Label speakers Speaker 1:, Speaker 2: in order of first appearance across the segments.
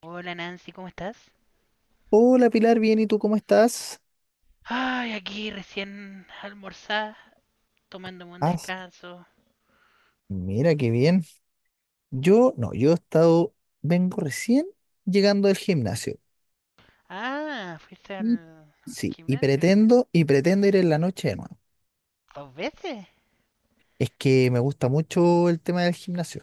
Speaker 1: Hola Nancy, ¿cómo estás?
Speaker 2: Hola Pilar, bien, ¿y tú cómo estás?
Speaker 1: Ay, aquí recién almorzada, tomándome un
Speaker 2: Ah,
Speaker 1: descanso.
Speaker 2: mira qué bien. Yo, no, yo he estado, vengo recién llegando del gimnasio.
Speaker 1: Ah, ¿fuiste al,
Speaker 2: Y
Speaker 1: al
Speaker 2: sí, y
Speaker 1: gimnasio?
Speaker 2: pretendo, y pretendo ir en la noche de nuevo.
Speaker 1: ¿Dos veces?
Speaker 2: Es que me gusta mucho el tema del gimnasio.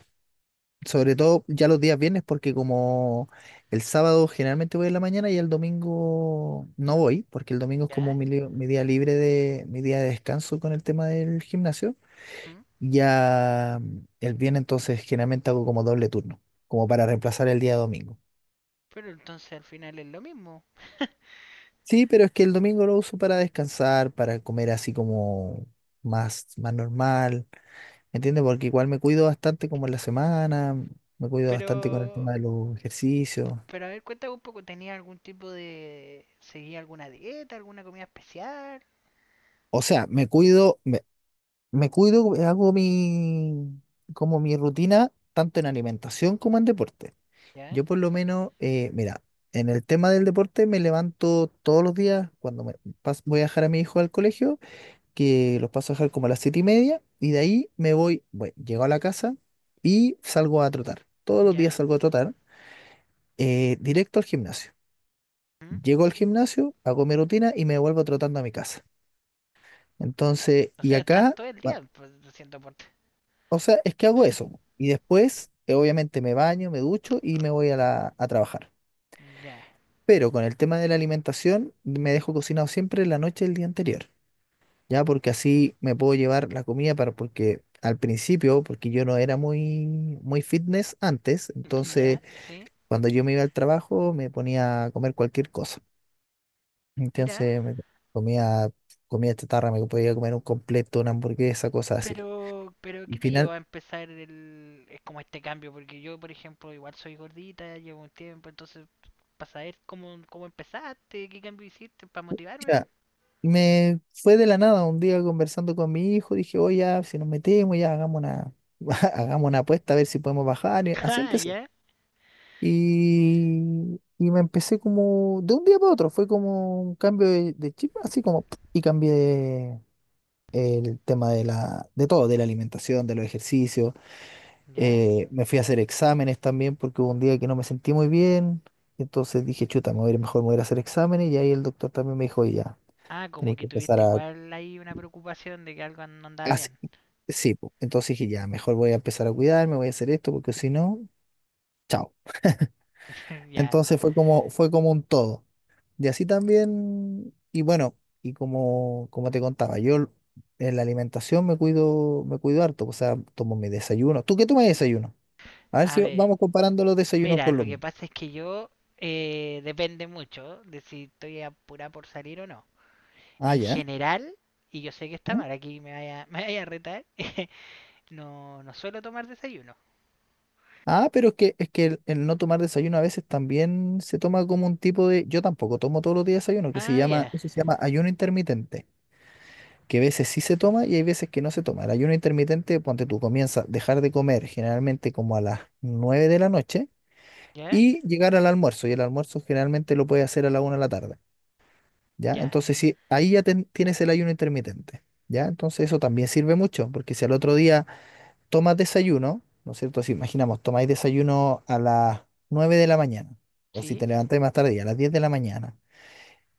Speaker 2: Sobre todo ya los días viernes, porque como el sábado generalmente voy en la mañana y el domingo no voy, porque el domingo es como
Speaker 1: ¿Ya?
Speaker 2: mi día libre de mi día de descanso con el tema del gimnasio.
Speaker 1: ¿Mm?
Speaker 2: Ya, el viernes entonces generalmente hago como doble turno, como para reemplazar el día domingo.
Speaker 1: Pero entonces al final es lo mismo.
Speaker 2: Sí, pero es que el domingo lo uso para descansar, para comer así como más normal, ¿entiendes? Porque igual me cuido bastante como en la semana, me cuido
Speaker 1: Pero,
Speaker 2: bastante con el tema de los ejercicios.
Speaker 1: pero a ver, cuéntame un poco, ¿tenía algún tipo de... ¿Seguía alguna dieta, alguna comida especial?
Speaker 2: O sea, me cuido, como mi rutina tanto en alimentación como en deporte.
Speaker 1: ¿Ya?
Speaker 2: Yo por lo menos, mira, en el tema del deporte me levanto todos los días cuando voy a dejar a mi hijo al colegio, que los paso a dejar como a las 7:30, y de ahí me voy, bueno, llego a la casa y salgo a trotar. Todos los días
Speaker 1: ¿Ya?
Speaker 2: salgo a trotar, directo al gimnasio.
Speaker 1: ¿Mm?
Speaker 2: Llego al gimnasio, hago mi rutina y me vuelvo trotando a mi casa. Entonces,
Speaker 1: O
Speaker 2: y
Speaker 1: sea, estás
Speaker 2: acá,
Speaker 1: todo el
Speaker 2: va-
Speaker 1: día pues, haciendo deporte.
Speaker 2: o sea, es que hago eso. Y después, obviamente, me baño, me ducho y me voy a trabajar.
Speaker 1: Ya,
Speaker 2: Pero con el tema de la alimentación, me dejo cocinado siempre la noche del día anterior, ¿ya? Porque así me puedo llevar la comida para, porque al principio, porque yo no era muy, muy fitness antes,
Speaker 1: ya,
Speaker 2: entonces
Speaker 1: sí.
Speaker 2: cuando yo me iba al trabajo me ponía a comer cualquier cosa.
Speaker 1: Mira,
Speaker 2: Entonces me comía comida chatarra, me podía comer un completo, una hamburguesa, cosas así.
Speaker 1: pero,
Speaker 2: Y
Speaker 1: ¿qué te llevó
Speaker 2: final,
Speaker 1: a empezar el, es como este cambio? Porque yo, por ejemplo, igual soy gordita, llevo un tiempo, entonces, para saber cómo, cómo empezaste, qué cambio hiciste, para motivarme, man.
Speaker 2: Me fue de la nada un día conversando con mi hijo, dije, oye, ya, si nos metemos, ya hagamos una, hagamos una apuesta a ver si podemos bajar. Y así
Speaker 1: Ah,
Speaker 2: empecé.
Speaker 1: ya.
Speaker 2: Y me empecé como, de un día para otro, fue como un cambio de chip, así como, ¡pum!, y cambié el tema de todo, de la alimentación, de los ejercicios.
Speaker 1: ¿Ya?
Speaker 2: Me fui a hacer exámenes también porque hubo un día que no me sentí muy bien. Entonces dije, chuta, me voy a ir mejor, me voy a ir a hacer exámenes. Y ahí el doctor también me dijo, "Oye, ya.
Speaker 1: Ah, como
Speaker 2: Tenéis
Speaker 1: que
Speaker 2: que empezar
Speaker 1: tuviste
Speaker 2: a".
Speaker 1: igual ahí una preocupación de que algo no andaba
Speaker 2: Así,
Speaker 1: bien.
Speaker 2: sí, po. Entonces dije, ya, mejor voy a empezar a cuidarme, voy a hacer esto, porque si no, chao.
Speaker 1: Ya.
Speaker 2: Entonces fue como un todo. Y así también, y bueno, y como te contaba, yo en la alimentación me cuido harto, o sea, tomo mi desayuno. ¿Tú qué tomas de desayuno? A ver
Speaker 1: A
Speaker 2: si
Speaker 1: ver,
Speaker 2: vamos comparando los desayunos
Speaker 1: mira,
Speaker 2: con
Speaker 1: lo
Speaker 2: los
Speaker 1: que
Speaker 2: míos.
Speaker 1: pasa es que yo, depende mucho de si estoy apurada por salir o no.
Speaker 2: Ah,
Speaker 1: En
Speaker 2: ya.
Speaker 1: general, y yo sé que está
Speaker 2: ¿Mm?
Speaker 1: mal, aquí me vaya, me vaya a retar. No, no suelo tomar desayuno.
Speaker 2: Ah, pero es que el no tomar desayuno a veces también se toma como un tipo de, yo tampoco tomo todos los días desayuno, que se
Speaker 1: Ah,
Speaker 2: llama,
Speaker 1: ya.
Speaker 2: eso se llama ayuno intermitente. Que a veces sí se toma y hay veces que no se toma. El ayuno intermitente, ponte tú, comienza a dejar de comer generalmente como a las 9 de la noche
Speaker 1: Ya,
Speaker 2: y llegar al almuerzo. Y el almuerzo generalmente lo puedes hacer a la 1 de la tarde, ¿ya?
Speaker 1: ya.
Speaker 2: Entonces, sí, ahí ya tienes el ayuno intermitente, ¿ya? Entonces, eso también sirve mucho, porque si al otro día tomas desayuno, ¿no es cierto? Si imaginamos, tomáis desayuno a las 9 de la mañana, o si
Speaker 1: Sí,
Speaker 2: te levantáis más tarde, a las 10 de la mañana,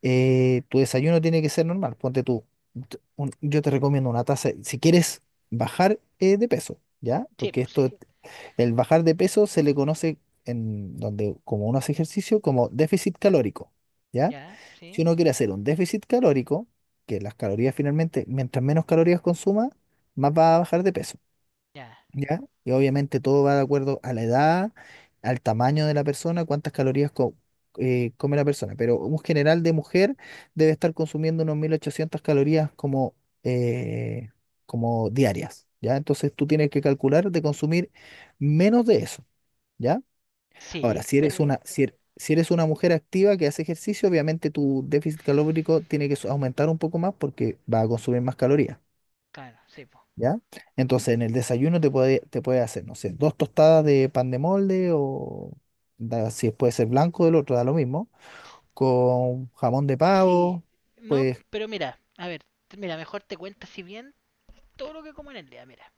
Speaker 2: tu desayuno tiene que ser normal. Ponte tú, yo te recomiendo una taza, si quieres bajar, de peso, ¿ya?
Speaker 1: sí,
Speaker 2: Porque
Speaker 1: pues sí.
Speaker 2: esto, el bajar de peso se le conoce en donde, como uno hace ejercicio, como déficit calórico, ¿ya?
Speaker 1: Ya, sí,
Speaker 2: Si uno quiere hacer un déficit calórico, que las calorías finalmente, mientras menos calorías consuma, más va a bajar de peso.
Speaker 1: ya.
Speaker 2: ¿Ya? Y obviamente todo va de acuerdo a la edad, al tamaño de la persona, cuántas calorías come la persona. Pero un general de mujer debe estar consumiendo unos 1800 calorías eh, como diarias, ¿ya? Entonces tú tienes que calcular de consumir menos de eso, ¿ya? Ahora,
Speaker 1: Sí,
Speaker 2: si eres
Speaker 1: pero.
Speaker 2: una, si er- si eres una mujer activa que hace ejercicio, obviamente tu déficit calórico tiene que aumentar un poco más porque va a consumir más calorías.
Speaker 1: Claro, sí, pues.
Speaker 2: ¿Ya? Entonces, en el desayuno te puede hacer, no sé, dos tostadas de pan de molde o si puede ser blanco del otro, da lo mismo, con jamón de
Speaker 1: Sí.
Speaker 2: pavo,
Speaker 1: No,
Speaker 2: pues,
Speaker 1: pero mira, a ver, mira, mejor te cuento si bien todo lo que como en el día, mira.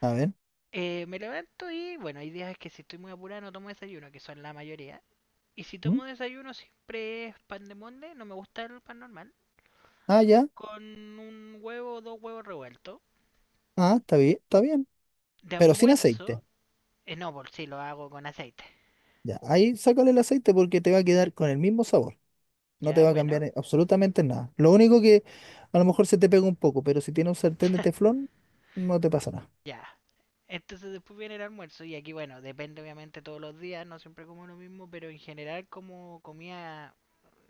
Speaker 2: a ver.
Speaker 1: Me levanto y, bueno, hay días que si estoy muy apurado no tomo desayuno, que son la mayoría. Y si
Speaker 2: ¿Mm?
Speaker 1: tomo desayuno siempre es pan de molde, no me gusta el pan normal.
Speaker 2: Ah, ya,
Speaker 1: Con un huevo o dos huevos revueltos.
Speaker 2: ah, está bien,
Speaker 1: De
Speaker 2: pero sin
Speaker 1: almuerzo,
Speaker 2: aceite.
Speaker 1: no, por si lo hago con aceite.
Speaker 2: Ya, ahí sácale el aceite porque te va a quedar con el mismo sabor, no te
Speaker 1: Ya,
Speaker 2: va a
Speaker 1: bueno.
Speaker 2: cambiar absolutamente nada. Lo único que a lo mejor se te pega un poco, pero si tiene un sartén de teflón, no te pasa nada.
Speaker 1: Ya. Entonces después viene el almuerzo y aquí, bueno, depende obviamente todos los días, no siempre como lo mismo, pero en general como comía,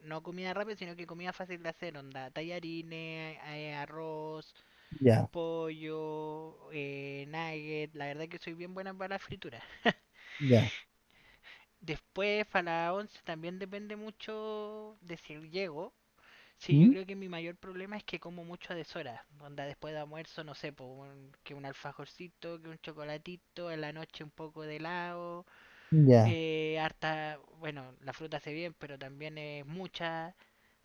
Speaker 1: no comida rápida, sino que comida fácil de hacer, onda, tallarines, arroz,
Speaker 2: Ya,
Speaker 1: pollo, nugget, la verdad que soy bien buena para la fritura.
Speaker 2: ya.
Speaker 1: Después para la once también depende mucho de si llego, sí, yo
Speaker 2: ¿Mm?
Speaker 1: creo que mi mayor problema es que como mucho a deshora. Onda después de almuerzo, no sé, po, que un alfajorcito, que un chocolatito, en la noche un poco de helado,
Speaker 2: Ya.
Speaker 1: harta, bueno, la fruta hace bien, pero también es mucha.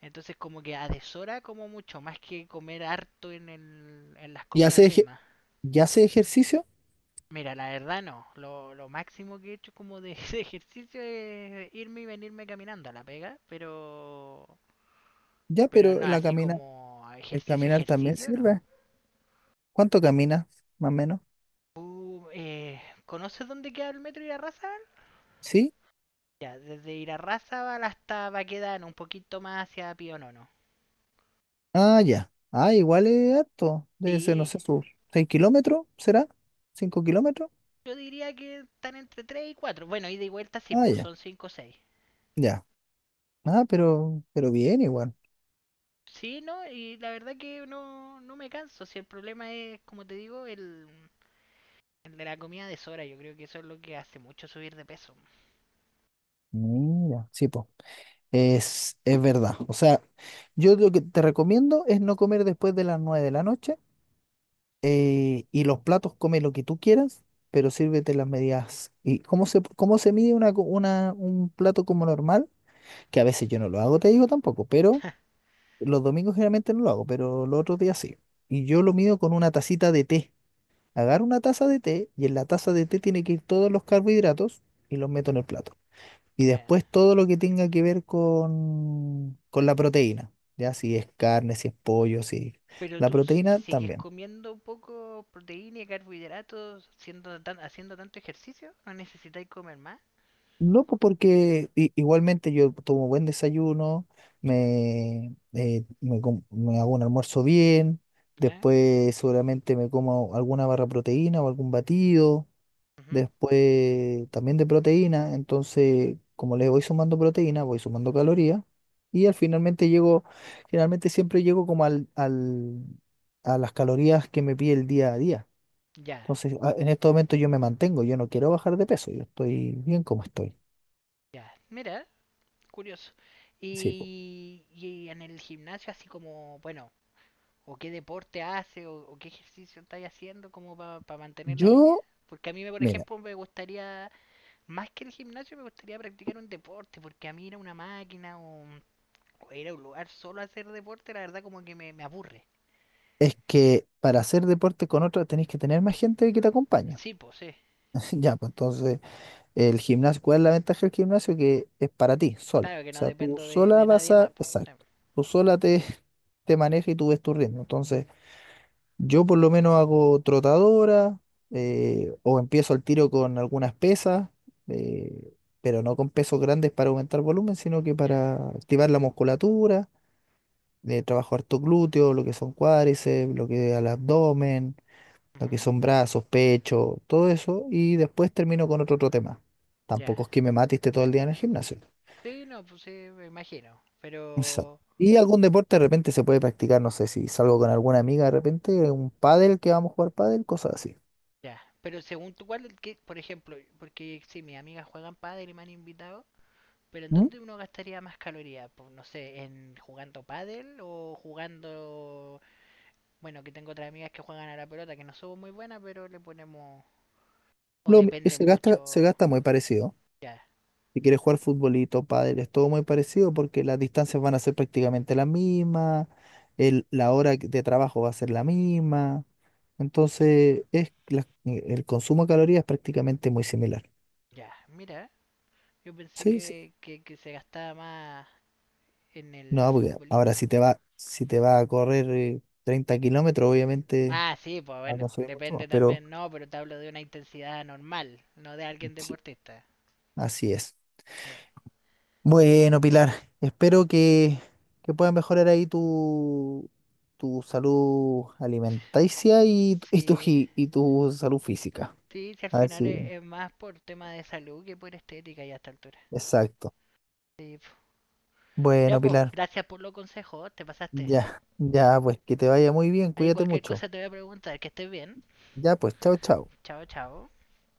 Speaker 1: Entonces como que a deshora como mucho, más que comer harto en, el, en las
Speaker 2: ¿Y
Speaker 1: comidas
Speaker 2: hace, eje-
Speaker 1: mismas.
Speaker 2: y hace ejercicio?
Speaker 1: Mira, la verdad no, lo máximo que he hecho como de, de ejercicio es irme y venirme caminando a la pega,
Speaker 2: Ya,
Speaker 1: pero
Speaker 2: pero
Speaker 1: no, así como
Speaker 2: el
Speaker 1: ejercicio,
Speaker 2: caminar también
Speaker 1: ejercicio, no.
Speaker 2: sirve. ¿Cuánto caminas, más o menos?
Speaker 1: Uh, eh, ¿Conoces dónde queda el metro Irarrázaval?
Speaker 2: ¿Sí?
Speaker 1: Ya, desde Irarrázaval hasta Baquedano, un poquito más hacia Pionono.
Speaker 2: Ah, ya. Ah, igual es harto. Debe ser, no
Speaker 1: Sí,
Speaker 2: sé, sus 6 kilómetros, ¿será? ¿5 kilómetros?
Speaker 1: yo diría que están entre tres y 4. Bueno, ida y vuelta sí,
Speaker 2: Ah,
Speaker 1: pues
Speaker 2: ya.
Speaker 1: son 5 o 6.
Speaker 2: Ya. Ah, pero bien igual.
Speaker 1: Sí, ¿no? Y la verdad que no, no me canso. Si el problema es, como te digo, el de la comida de Sora. Yo creo que eso es lo que hace mucho subir de peso.
Speaker 2: Mira, sí, po. Es verdad. O sea, yo lo que te recomiendo es no comer después de las 9 de la noche. Y los platos come lo que tú quieras, pero sírvete las medidas. ¿Y cómo se mide un plato como normal? Que a veces yo no lo hago, te digo tampoco, pero los domingos generalmente no lo hago, pero los otros días sí. Y yo lo mido con una tacita de té. Agarro una taza de té y en la taza de té tiene que ir todos los carbohidratos y los meto en el plato. Y
Speaker 1: Ya.
Speaker 2: después todo lo que tenga que ver con la proteína, ya si es carne, si es pollo, si
Speaker 1: Pero
Speaker 2: la
Speaker 1: tú
Speaker 2: proteína
Speaker 1: sigues
Speaker 2: también.
Speaker 1: comiendo un poco proteína y carbohidratos, siendo haciendo tanto ejercicio, ¿no necesitáis comer más?
Speaker 2: No, pues porque igualmente yo tomo buen desayuno, me hago un almuerzo bien,
Speaker 1: Ya,
Speaker 2: después seguramente me como alguna barra de proteína o algún batido,
Speaker 1: ujú,
Speaker 2: después también de proteína, entonces como le voy sumando proteína, voy sumando calorías y al finalmente llego, generalmente siempre llego como a las calorías que me pide el día a día.
Speaker 1: ya,
Speaker 2: Entonces en estos momentos yo me mantengo, yo no quiero bajar de peso, yo estoy bien como estoy.
Speaker 1: ya. Mira, curioso.
Speaker 2: Sí.
Speaker 1: Y en el gimnasio, así como, bueno, o qué deporte hace, o qué ejercicio estáis haciendo, como para mantener la línea.
Speaker 2: Yo,
Speaker 1: Porque a mí, por
Speaker 2: mira,
Speaker 1: ejemplo, me gustaría, más que el gimnasio, me gustaría practicar un deporte, porque a mí ir a una máquina o ir a un lugar solo a hacer deporte, la verdad, como que me aburre.
Speaker 2: es que para hacer deporte con otra tenés que tener más gente que te acompañe.
Speaker 1: Sí, pues sí.
Speaker 2: Ya, pues entonces, el gimnasio, ¿cuál es la ventaja del gimnasio? Que es para ti, sola.
Speaker 1: Claro
Speaker 2: O
Speaker 1: que no
Speaker 2: sea, tú
Speaker 1: dependo
Speaker 2: sola
Speaker 1: de
Speaker 2: vas
Speaker 1: nadie
Speaker 2: a,
Speaker 1: más, pues. Sí.
Speaker 2: exacto, tú sola te, te manejas y tú ves tu ritmo. Entonces, yo por lo menos hago trotadora, o empiezo el tiro con algunas pesas, eh, pero no con pesos grandes para aumentar volumen, sino que
Speaker 1: Ya.
Speaker 2: para activar la musculatura de trabajo harto glúteo, lo que son cuádriceps, lo que al abdomen, lo
Speaker 1: Ujú.
Speaker 2: que son brazos, pecho, todo eso, y después termino con otro tema.
Speaker 1: Ya.
Speaker 2: Tampoco es que me matiste todo el día en el gimnasio.
Speaker 1: Sí, no, pues sí, me imagino.
Speaker 2: Exacto.
Speaker 1: Pero...
Speaker 2: Y algún deporte de repente se puede practicar, no sé, si salgo con alguna amiga de repente, un pádel que vamos a jugar pádel, cosas así.
Speaker 1: Ya, pero según tú, ¿cuál, por ejemplo, porque si mis amigas juegan pádel y me han invitado, pero ¿en
Speaker 2: ¿Mm?
Speaker 1: dónde uno gastaría más calorías? Pues, no sé, ¿en jugando pádel o jugando... Bueno, que tengo otras amigas que juegan a la pelota, que no somos muy buenas, pero le ponemos... O
Speaker 2: Lo mi-
Speaker 1: depende
Speaker 2: se gasta, se
Speaker 1: mucho...
Speaker 2: gasta muy parecido.
Speaker 1: Ya,
Speaker 2: Si quieres jugar futbolito, pádel, es todo muy parecido porque las distancias van a ser prácticamente las mismas, la hora de trabajo va a ser la misma.
Speaker 1: ¿mm?
Speaker 2: Entonces, el consumo de calorías es prácticamente muy similar.
Speaker 1: Ya, mira, yo pensé
Speaker 2: Sí, sí.
Speaker 1: que, que se gastaba más en el
Speaker 2: No, porque ahora
Speaker 1: futbolito.
Speaker 2: si te va a correr, 30 kilómetros, obviamente
Speaker 1: Ah, sí, pues
Speaker 2: va a
Speaker 1: bueno,
Speaker 2: consumir mucho más,
Speaker 1: depende
Speaker 2: pero
Speaker 1: también, no, pero te hablo de una intensidad normal, no de alguien
Speaker 2: sí,
Speaker 1: deportista.
Speaker 2: así es.
Speaker 1: Eh,
Speaker 2: Bueno, Pilar, espero que puedas mejorar ahí tu, tu salud alimenticia y, tu- y, tu,
Speaker 1: sí.
Speaker 2: gi- y tu salud física.
Speaker 1: Sí, si al
Speaker 2: A ver
Speaker 1: final
Speaker 2: si,
Speaker 1: es más por tema de salud que por estética ya a esta altura.
Speaker 2: exacto.
Speaker 1: Sí, po. Ya
Speaker 2: Bueno,
Speaker 1: pues,
Speaker 2: Pilar,
Speaker 1: gracias por los consejos, te pasaste.
Speaker 2: ya, ya, pues que te vaya muy bien,
Speaker 1: Ahí
Speaker 2: cuídate
Speaker 1: cualquier
Speaker 2: mucho.
Speaker 1: cosa te voy a preguntar, que estés bien.
Speaker 2: Ya, pues, chao, chao.
Speaker 1: Chao, chao.